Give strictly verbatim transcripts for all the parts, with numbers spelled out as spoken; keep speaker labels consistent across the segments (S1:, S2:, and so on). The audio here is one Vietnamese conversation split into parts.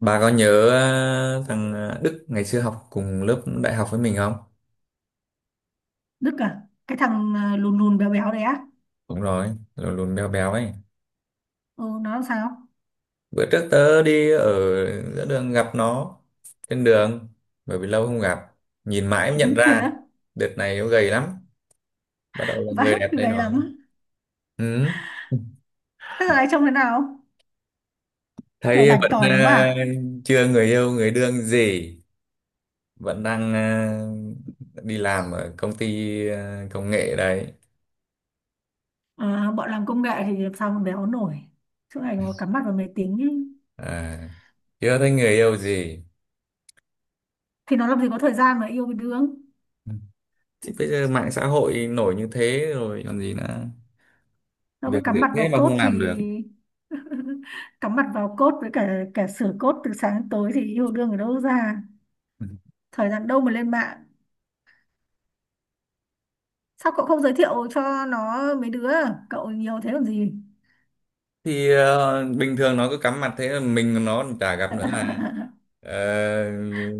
S1: Bà có nhớ ờ, thằng ờ, Đức ngày xưa học cùng lớp đại học với mình không?
S2: Đức à? Cái thằng ờ, lùn lùn béo béo đấy á?
S1: Đúng rồi, lùn lùn béo béo ấy.
S2: Ừ, nó làm sao?
S1: Bữa trước tớ đi ở giữa đường gặp nó trên đường, bởi vì lâu không gặp, nhìn mãi mới nhận
S2: Thế
S1: ra.
S2: á?
S1: Đợt này nó gầy lắm, bắt đầu là người
S2: Vãi,
S1: đẹp đấy
S2: gầy lắm
S1: rồi.
S2: á.
S1: Ừ,
S2: Thế giờ này trông thế nào, kiểu
S1: thấy
S2: bảnh
S1: vẫn
S2: tỏi
S1: ờ,
S2: lắm à?
S1: chưa người yêu người đương gì, vẫn đang ờ, đi làm ở công ty ờ, công nghệ đấy.
S2: Ờ, bọn làm công nghệ thì làm sao mà béo nổi, suốt ngày nó cắm mặt vào máy tính ý.
S1: À, chưa thấy người yêu gì.
S2: Thì nó làm gì có thời gian mà yêu với đương,
S1: Thì bây giờ mạng xã hội nổi như thế rồi còn gì nữa,
S2: nó cứ
S1: việc dễ
S2: cắm mặt
S1: thế
S2: vào
S1: mà không
S2: code thì.
S1: làm được.
S2: Cắm mặt vào code với cả cả sửa code từ sáng đến tối thì yêu đương ở đâu ra, thời gian đâu mà lên mạng. Sao cậu không giới thiệu cho nó mấy đứa, cậu nhiều thế làm gì?
S1: Thì ờ, bình thường nó cứ cắm mặt thế là mình nó chả gặp nữa là. ờ,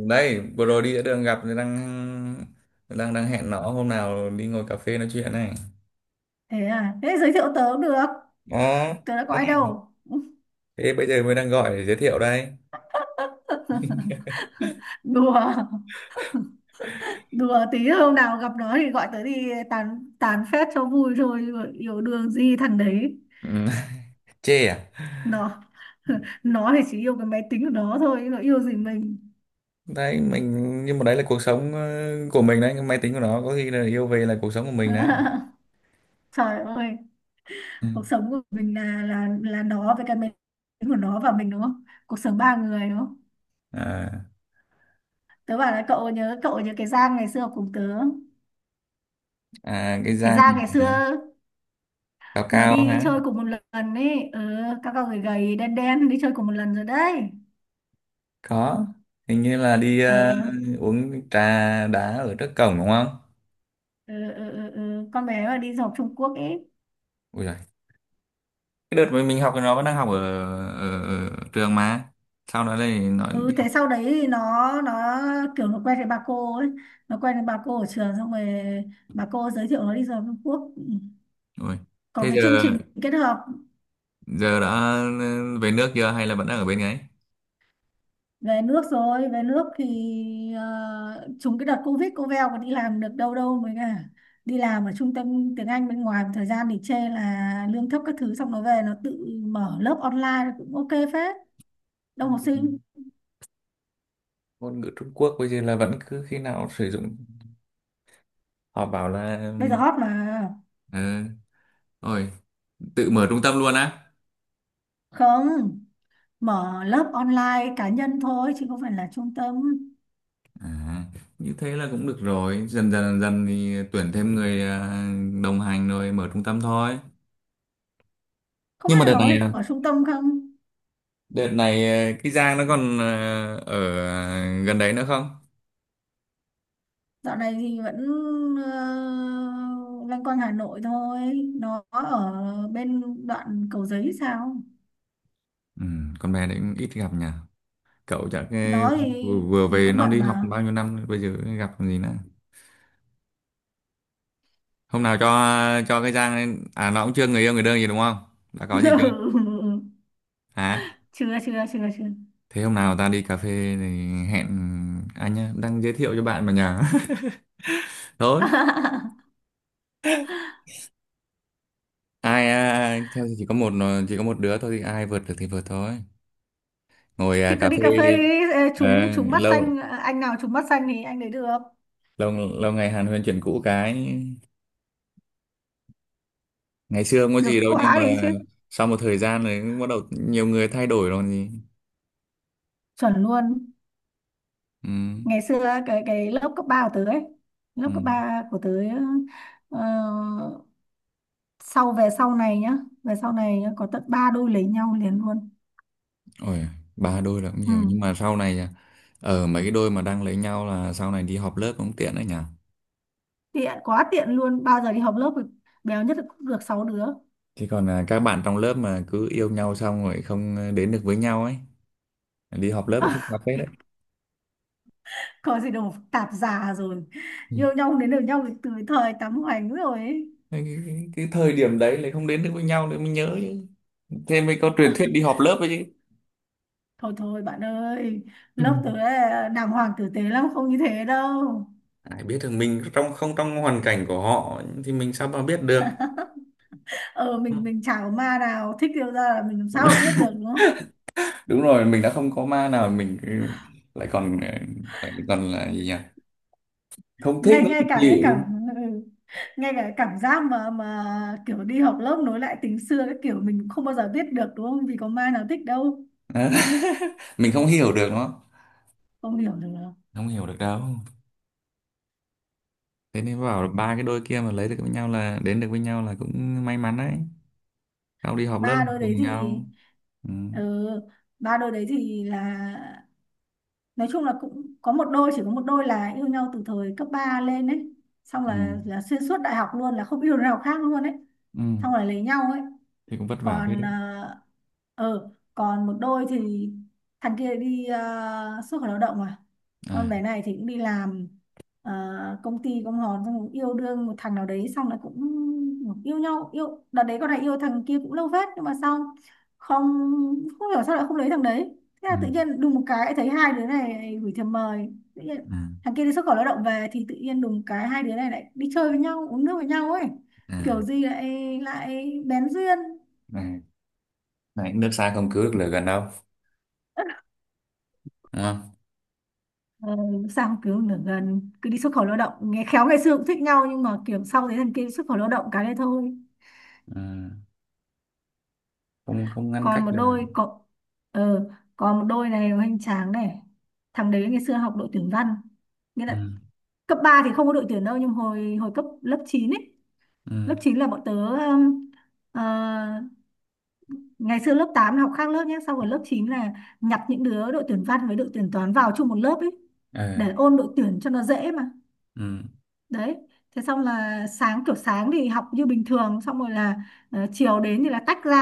S1: Đây vừa rồi đi giữa đường gặp thì đang đang đang hẹn nó hôm nào đi ngồi cà phê nói chuyện này
S2: Thế à, thế giới thiệu tớ cũng được,
S1: đó.
S2: tớ đã có ai đâu.
S1: Thế bây giờ mới đang gọi để giới thiệu đây.
S2: Đùa, đùa tí, hôm nào gặp nó thì gọi tớ đi tán tán phét cho vui thôi, yêu đương gì thằng đấy.
S1: Ừ. Chê à?
S2: Nó nó thì chỉ yêu cái máy tính của nó thôi, nó yêu gì mình.
S1: Đấy mình, nhưng mà đấy là cuộc sống ờ, của mình đấy, cái máy tính của nó có khi là yêu, về là cuộc sống của mình đấy.
S2: Trời ơi,
S1: Ừ.
S2: cuộc sống của mình là là là nó với cái máy tính của nó và mình, đúng không? Cuộc sống ba người, đúng không?
S1: À,
S2: Tớ bảo là cậu nhớ, cậu nhớ cái Giang ngày xưa học cùng tớ,
S1: à cái
S2: cái
S1: Giang
S2: Giang ngày
S1: là
S2: xưa
S1: cao
S2: mà
S1: cao
S2: đi
S1: hả?
S2: chơi cùng một lần ấy, ừ, các cậu gầy gầy đen đen đi chơi cùng một lần rồi đấy.
S1: Có, hình như là đi
S2: ừ,
S1: ờ, uống trà đá ở trước cổng đúng không?
S2: ừ, ừ, ừ, ừ. Con bé mà đi du học Trung Quốc ấy.
S1: Ui giời. Cái đợt mà mình học thì nó vẫn đang học ở, ở, ở trường mà, sau đó thì nó
S2: Ừ,
S1: đi học
S2: thế sau đấy thì nó nó kiểu nó quen với bà cô ấy, nó quen với bà cô ở trường, xong rồi bà cô giới thiệu nó đi du học Trung Quốc. Ừ,
S1: rồi.
S2: có
S1: Thế
S2: cái chương
S1: giờ
S2: trình kết hợp.
S1: giờ đã về nước chưa hay là vẫn đang ở bên ấy?
S2: Về nước rồi, về nước thì ờ, trùng cái đợt Covid, cô Veo còn đi làm được đâu, đâu mới cả, đi làm ở trung tâm tiếng Anh bên ngoài một thời gian thì chê là lương thấp các thứ, xong nó về nó tự mở lớp online cũng ok phết, đông học sinh.
S1: Ngôn ngữ Trung Quốc bây giờ là vẫn cứ khi nào sử dụng, họ bảo là
S2: Bây giờ hot mà.
S1: ờ, rồi tự mở trung tâm luôn á?
S2: Không, mở lớp online cá nhân thôi chứ không phải là trung tâm.
S1: À, như thế là cũng được rồi, dần dần dần dần thì tuyển thêm người, à, đồng hành rồi mở trung tâm thôi.
S2: Không biết
S1: Nhưng mà
S2: là
S1: đợt
S2: nó
S1: này,
S2: có được
S1: à,
S2: ở trung tâm không.
S1: đợt này ờ, cái Giang nó còn ờ, ở gần đấy nữa không?
S2: Dạo này thì vẫn uh, loanh quanh Hà Nội thôi, nó ở bên đoạn Cầu Giấy sao.
S1: Ừ, con bé đấy cũng ít gặp nhỉ. Cậu chắc ờ,
S2: Đó thì
S1: vừa vừa về,
S2: cũng
S1: nó
S2: bận
S1: đi học
S2: mà.
S1: bao nhiêu năm bây giờ gặp còn gì nữa. Hôm nào cho cho cái Giang lên- à nó cũng chưa người yêu người đương gì đúng không? Đã có gì chưa? Hả?
S2: Chưa, chưa, chưa, chưa.
S1: Thế hôm nào ta đi cà phê thì hẹn anh nhá, đang giới thiệu cho bạn mà nhỉ. Thôi, ai à, thôi thì chỉ có một ờ, chỉ có một đứa thôi thì ai vượt được thì vượt thôi. Ngồi
S2: Thì
S1: à,
S2: cứ
S1: cà
S2: đi
S1: phê.
S2: cà phê đi, ê,
S1: ờ,
S2: trúng trúng mắt
S1: Lâu
S2: xanh, anh nào trúng mắt xanh thì anh đấy được.
S1: lâu lâu ngày Hàn Huyền chuyển cũ cái, ngày xưa không có
S2: Được
S1: gì đâu nhưng
S2: quá đấy chứ,
S1: mà sau một thời gian rồi cũng bắt đầu nhiều người thay đổi rồi còn gì.
S2: chuẩn luôn.
S1: Ừ,
S2: Ngày xưa cái cái lớp cấp ba của tớ ấy, lớp
S1: ừ.
S2: cấp ba của tớ, ờ, sau về sau này nhá, về sau này nhá, có tận ba đôi lấy nhau liền luôn.
S1: Ôi, ba đôi là cũng
S2: Ừ.
S1: nhiều, nhưng mà sau này à, ở mấy cái đôi mà đang lấy nhau là sau này đi họp lớp cũng tiện đấy nhỉ.
S2: Tiện quá, tiện luôn, bao giờ đi họp lớp thì béo nhất là cũng được sáu đứa.
S1: Chứ còn là các bạn trong lớp mà cứ yêu nhau xong rồi không ờ, đến được với nhau ấy, đi họp lớp cũng phức tạp phết đấy.
S2: Có gì đâu, tạp già rồi,
S1: Ừ.
S2: yêu nhau đến được nhau từ thời tắm hoành rồi ấy.
S1: cái, cái, cái cái thời điểm đấy lại không đến được với nhau thì mình nhớ chứ. Thế mới có
S2: Ờ,
S1: truyền thuyết đi họp lớp ấy
S2: thôi thôi bạn ơi,
S1: chứ.
S2: lớp tớ là đàng hoàng tử tế lắm, không như thế đâu.
S1: Ai biết được, mình trong không trong hoàn cảnh của họ thì mình sao mà biết được.
S2: Ờ, mình mình chả có ma nào thích yêu ra là mình làm sao mà biết được, đúng không?
S1: Đúng rồi, mình đã không có ma nào, mình ừ, lại còn ừ, lại còn là gì nhỉ, không thích
S2: ngay
S1: nữa thì
S2: ngay cả cái cảm
S1: chịu.
S2: ừ, ngay cả cái cảm giác mà mà kiểu đi học lớp nối lại tình xưa, cái kiểu mình cũng không bao giờ biết được, đúng không? Vì có ma nào thích đâu.
S1: Đó. Mình không hiểu được nó,
S2: Không hiểu được.
S1: không hiểu được đâu. Thế nên bảo là ba cái đôi kia mà lấy được với nhau là đến được với nhau là cũng may mắn đấy, sau đi họp lớp là
S2: Ba
S1: học
S2: đôi đấy
S1: cùng
S2: thì,
S1: nhau. Ừ.
S2: ừ, ba đôi đấy thì là nói chung là cũng có một đôi, chỉ có một đôi là yêu nhau từ thời cấp ba lên ấy, xong
S1: Ừ.
S2: là là xuyên suốt đại học luôn, là không yêu đứa nào khác luôn ấy,
S1: Ừ.
S2: xong là lấy nhau ấy.
S1: Thì cũng vất vả phết
S2: Còn
S1: đấy.
S2: ờ, ờ, còn một đôi thì thằng kia đi ờ, xuất khẩu lao động à, con
S1: À.
S2: bé này thì cũng đi làm, ờ, công ty công hòn, xong cũng yêu đương một thằng nào đấy, xong lại cũng yêu nhau, yêu đợt đấy, con này yêu thằng kia cũng lâu phết, nhưng mà sau không, không hiểu sao lại không lấy thằng đấy. Thế
S1: Ừ.
S2: là tự nhiên đùng một cái lại thấy hai đứa này gửi thiệp mời tự nhiên.
S1: À.
S2: Thằng kia đi xuất khẩu lao động về thì tự nhiên đùng cái hai đứa này lại đi chơi với nhau, uống nước với nhau ấy, kiểu
S1: À
S2: gì lại lại bén duyên.
S1: này, này nước xa không cứu được lửa gần đâu, đúng không?
S2: Ờ, sao kiểu nửa gần cứ đi xuất khẩu lao động, nghe khéo ngày xưa cũng thích nhau, nhưng mà kiểu sau đấy thằng kia xuất khẩu lao động cái đấy thôi.
S1: Ừ. Không không ngăn cách
S2: Còn một
S1: được.
S2: đôi có, ờ, còn một đôi này hoành tráng này, thằng đấy ngày xưa học đội tuyển văn, nghĩa
S1: Ừ.
S2: là cấp ba thì không có đội tuyển đâu, nhưng hồi hồi cấp lớp chín ấy, lớp
S1: Ừ.
S2: chín là bọn tớ um, ờ, ngày xưa lớp tám là học khác lớp nhé, sau rồi lớp chín là nhặt những đứa đội tuyển văn với đội tuyển toán vào chung một lớp ấy,
S1: Ờ.
S2: để ôn đội tuyển cho nó dễ mà.
S1: Ừ.
S2: Đấy, thế xong là sáng, kiểu sáng thì học như bình thường, xong rồi là ờ, chiều đến thì là tách ra,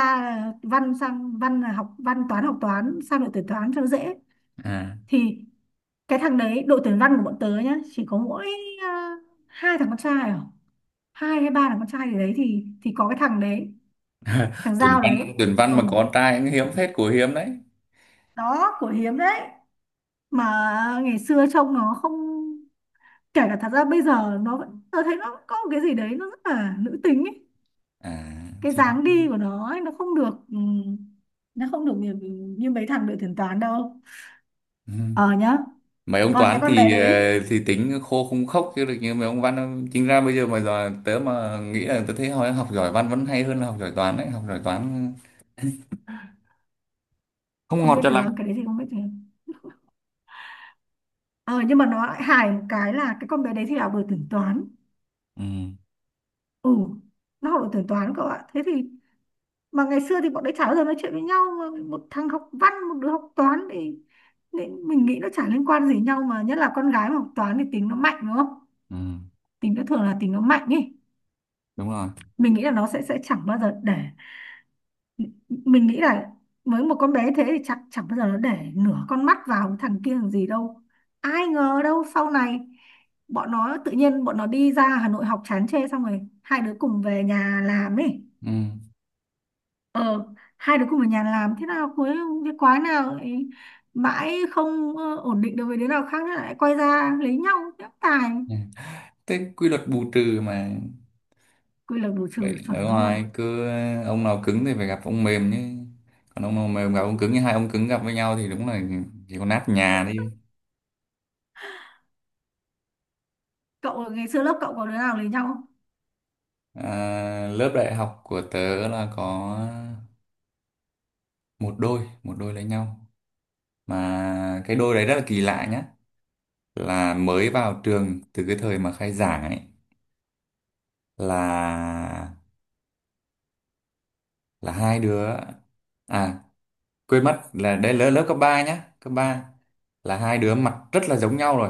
S2: ờ, văn sang văn là học văn, toán học toán sang đội tuyển toán cho nó dễ.
S1: À,
S2: Thì cái thằng đấy đội tuyển văn của bọn tớ nhá, chỉ có mỗi ờ, hai thằng con trai à, hai hay ba thằng con trai gì đấy, thì thì có cái thằng đấy, thằng
S1: tuyển
S2: Giao đấy.
S1: văn tuyển văn
S2: Ừ,
S1: mà có trai cũng hiếm phết, của hiếm đấy.
S2: đó của hiếm đấy. Mà ngày xưa trông nó không, kể cả thật ra bây giờ nó vẫn, tớ thấy nó có một cái gì đấy nó rất là nữ tính ấy,
S1: À
S2: cái
S1: thì.
S2: dáng đi của nó ấy, nó không được, ừm, nó không được như, như mấy thằng đội tuyển toán đâu.
S1: Ừ.
S2: Ờ nhá.
S1: Mấy ông
S2: Còn cái
S1: toán
S2: con bé
S1: thì
S2: đấy,
S1: ờ, thì tính khô không khóc chứ được như mấy ông văn đâu. Chính ra bây giờ mà giờ tớ mà nghĩ là tớ thấy hồi học giỏi văn vẫn hay hơn là học giỏi toán đấy, học giỏi toán không
S2: không
S1: ngọt
S2: biết
S1: cho lắm.
S2: được, cái đấy thì không biết được. Ờ, nhưng mà nó lại hài một cái là cái con bé đấy thì học đội tuyển toán.
S1: Ừ.
S2: Ừ, nó học đội tuyển toán cậu ạ, thế thì mà ngày xưa thì bọn đấy chả bao giờ nói chuyện với nhau, mà một thằng học văn một đứa học toán thì, nên mình nghĩ nó chả liên quan gì nhau, mà nhất là con gái mà học toán thì tính nó mạnh, đúng không?
S1: Ừ.
S2: Tính nó thường là tính nó mạnh ý.
S1: Đúng rồi.
S2: Mình nghĩ là nó sẽ sẽ chẳng bao giờ để, mình nghĩ là với một con bé thế thì chắc chẳng bao giờ nó để nửa con mắt vào thằng kia làm gì đâu. Ai ngờ đâu sau này bọn nó tự nhiên bọn nó đi ra Hà Nội học chán chê, xong rồi hai đứa cùng về nhà làm ấy.
S1: Ừ.
S2: Ờ, hai đứa cùng về nhà làm thế nào, cuối cái quái nào ấy, mãi không ờ, ổn định được với đứa nào khác nữa, lại quay ra lấy nhau, nhắc tài.
S1: Thế quy luật bù trừ mà.
S2: Quy luật bù trừ,
S1: Bệnh
S2: chuẩn
S1: ở
S2: luôn.
S1: ngoài cứ, ông nào cứng thì phải gặp ông mềm chứ, còn ông nào mềm gặp ông cứng, hai ông cứng gặp với nhau thì đúng là chỉ có nát nhà đi.
S2: Cậu ngày xưa lớp cậu có đứa nào lấy nhau không?
S1: À, lớp đại học của tớ là có một đôi, một đôi lấy nhau. Mà cái đôi đấy rất là kỳ lạ nhá, là mới vào trường từ cái thời mà khai giảng ấy, là là hai đứa, à quên mất là đấy lớp lớp cấp ba nhá, cấp ba, là hai đứa mặt rất là giống nhau rồi,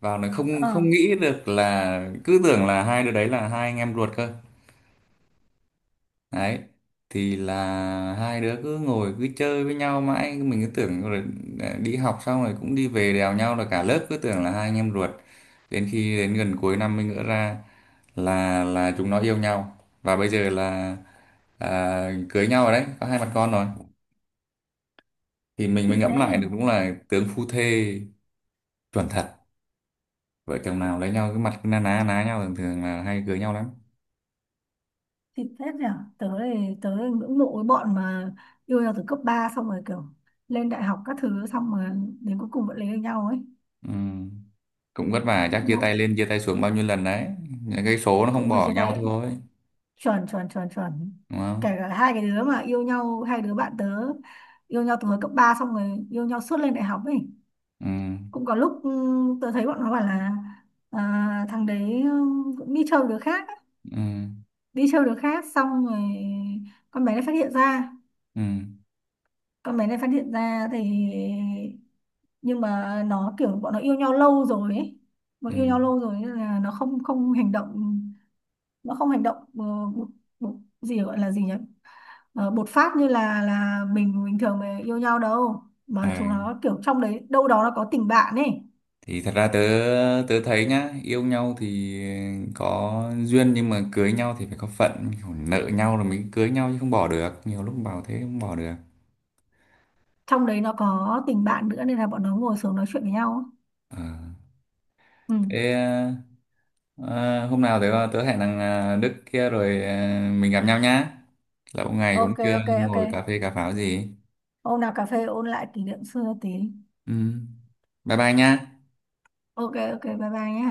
S1: vào nó không
S2: Ờ,
S1: không nghĩ được là cứ tưởng là hai đứa đấy là hai anh em ruột cơ. Đấy, thì là hai đứa cứ ngồi cứ chơi với nhau mãi, mình cứ tưởng rồi à, đi học xong rồi cũng đi về đèo nhau, là cả lớp cứ tưởng là hai anh em ruột. Đến khi đến gần cuối năm mới ngỡ ra là là chúng nó yêu nhau. Và bây giờ là à, cưới nhau rồi đấy, có hai mặt con rồi. Thì mình mới
S2: thì
S1: ngẫm lại được
S2: thế.
S1: đúng là tướng phu thê, chuẩn thật. Vợ chồng nào lấy nhau cái mặt cứ na ná ná nhau thường thường là hay cưới nhau lắm.
S2: Xịn phết nhỉ, tớ thì tớ ngưỡng mộ cái bọn mà yêu nhau từ cấp ba xong rồi kiểu lên đại học các thứ, xong mà đến cuối cùng vẫn lấy được nhau ấy.
S1: Ừ. Cũng vất vả, chắc
S2: Ngưỡng
S1: chia tay
S2: mộ.
S1: lên chia tay xuống bao nhiêu lần đấy, những cái số nó không
S2: Cũng phải
S1: bỏ
S2: chia tay
S1: nhau
S2: ấy.
S1: thôi,
S2: Chuẩn, chuẩn, chuẩn, chuẩn.
S1: đúng
S2: Kể
S1: không?
S2: cả hai cái đứa mà yêu nhau, hai đứa bạn tớ yêu nhau từ hồi cấp ba, xong rồi yêu nhau suốt lên đại học ấy,
S1: Ừ.
S2: cũng có lúc ừ, tớ thấy bọn nó bảo là à, thằng đấy ừ, cũng đi chơi với đứa khác ấy.
S1: Ừ.
S2: Đi chơi với đứa khác, xong rồi con bé này phát hiện ra,
S1: Ừ.
S2: con bé này phát hiện ra thì, nhưng mà nó kiểu bọn nó yêu nhau lâu rồi ấy, bọn
S1: Ừ.
S2: yêu nhau lâu rồi nên là nó không không hành động, nó không hành động ờ, bột, bột, gì gọi là gì nhỉ? Ờ, bột phát như là là mình bình thường mà yêu nhau đâu, mà chúng
S1: À.
S2: nó kiểu trong đấy đâu đó nó có tình bạn ấy.
S1: Thì thật ra tớ tớ thấy nhá, yêu nhau thì có duyên nhưng mà cưới nhau thì phải có phận. Kiểu nợ nhau rồi mới cưới nhau chứ, không bỏ được, nhiều lúc bảo thế không bỏ được.
S2: Trong đấy nó có tình bạn nữa nên là bọn nó ngồi xuống nói chuyện với nhau ấy.
S1: Ờ.
S2: Ừ.
S1: Thế à, hôm nào tớ tớ hẹn thằng à, Đức kia rồi à, mình gặp nhau nhá. Lâu ngày cũng
S2: Ok,
S1: chưa
S2: ok, ok,
S1: ngồi cà phê cà pháo gì.
S2: hôm nào cà phê ôn lại kỷ niệm xưa tí.
S1: Ừ. Bye bye nhá.
S2: Ok, ok, bye bye nhé.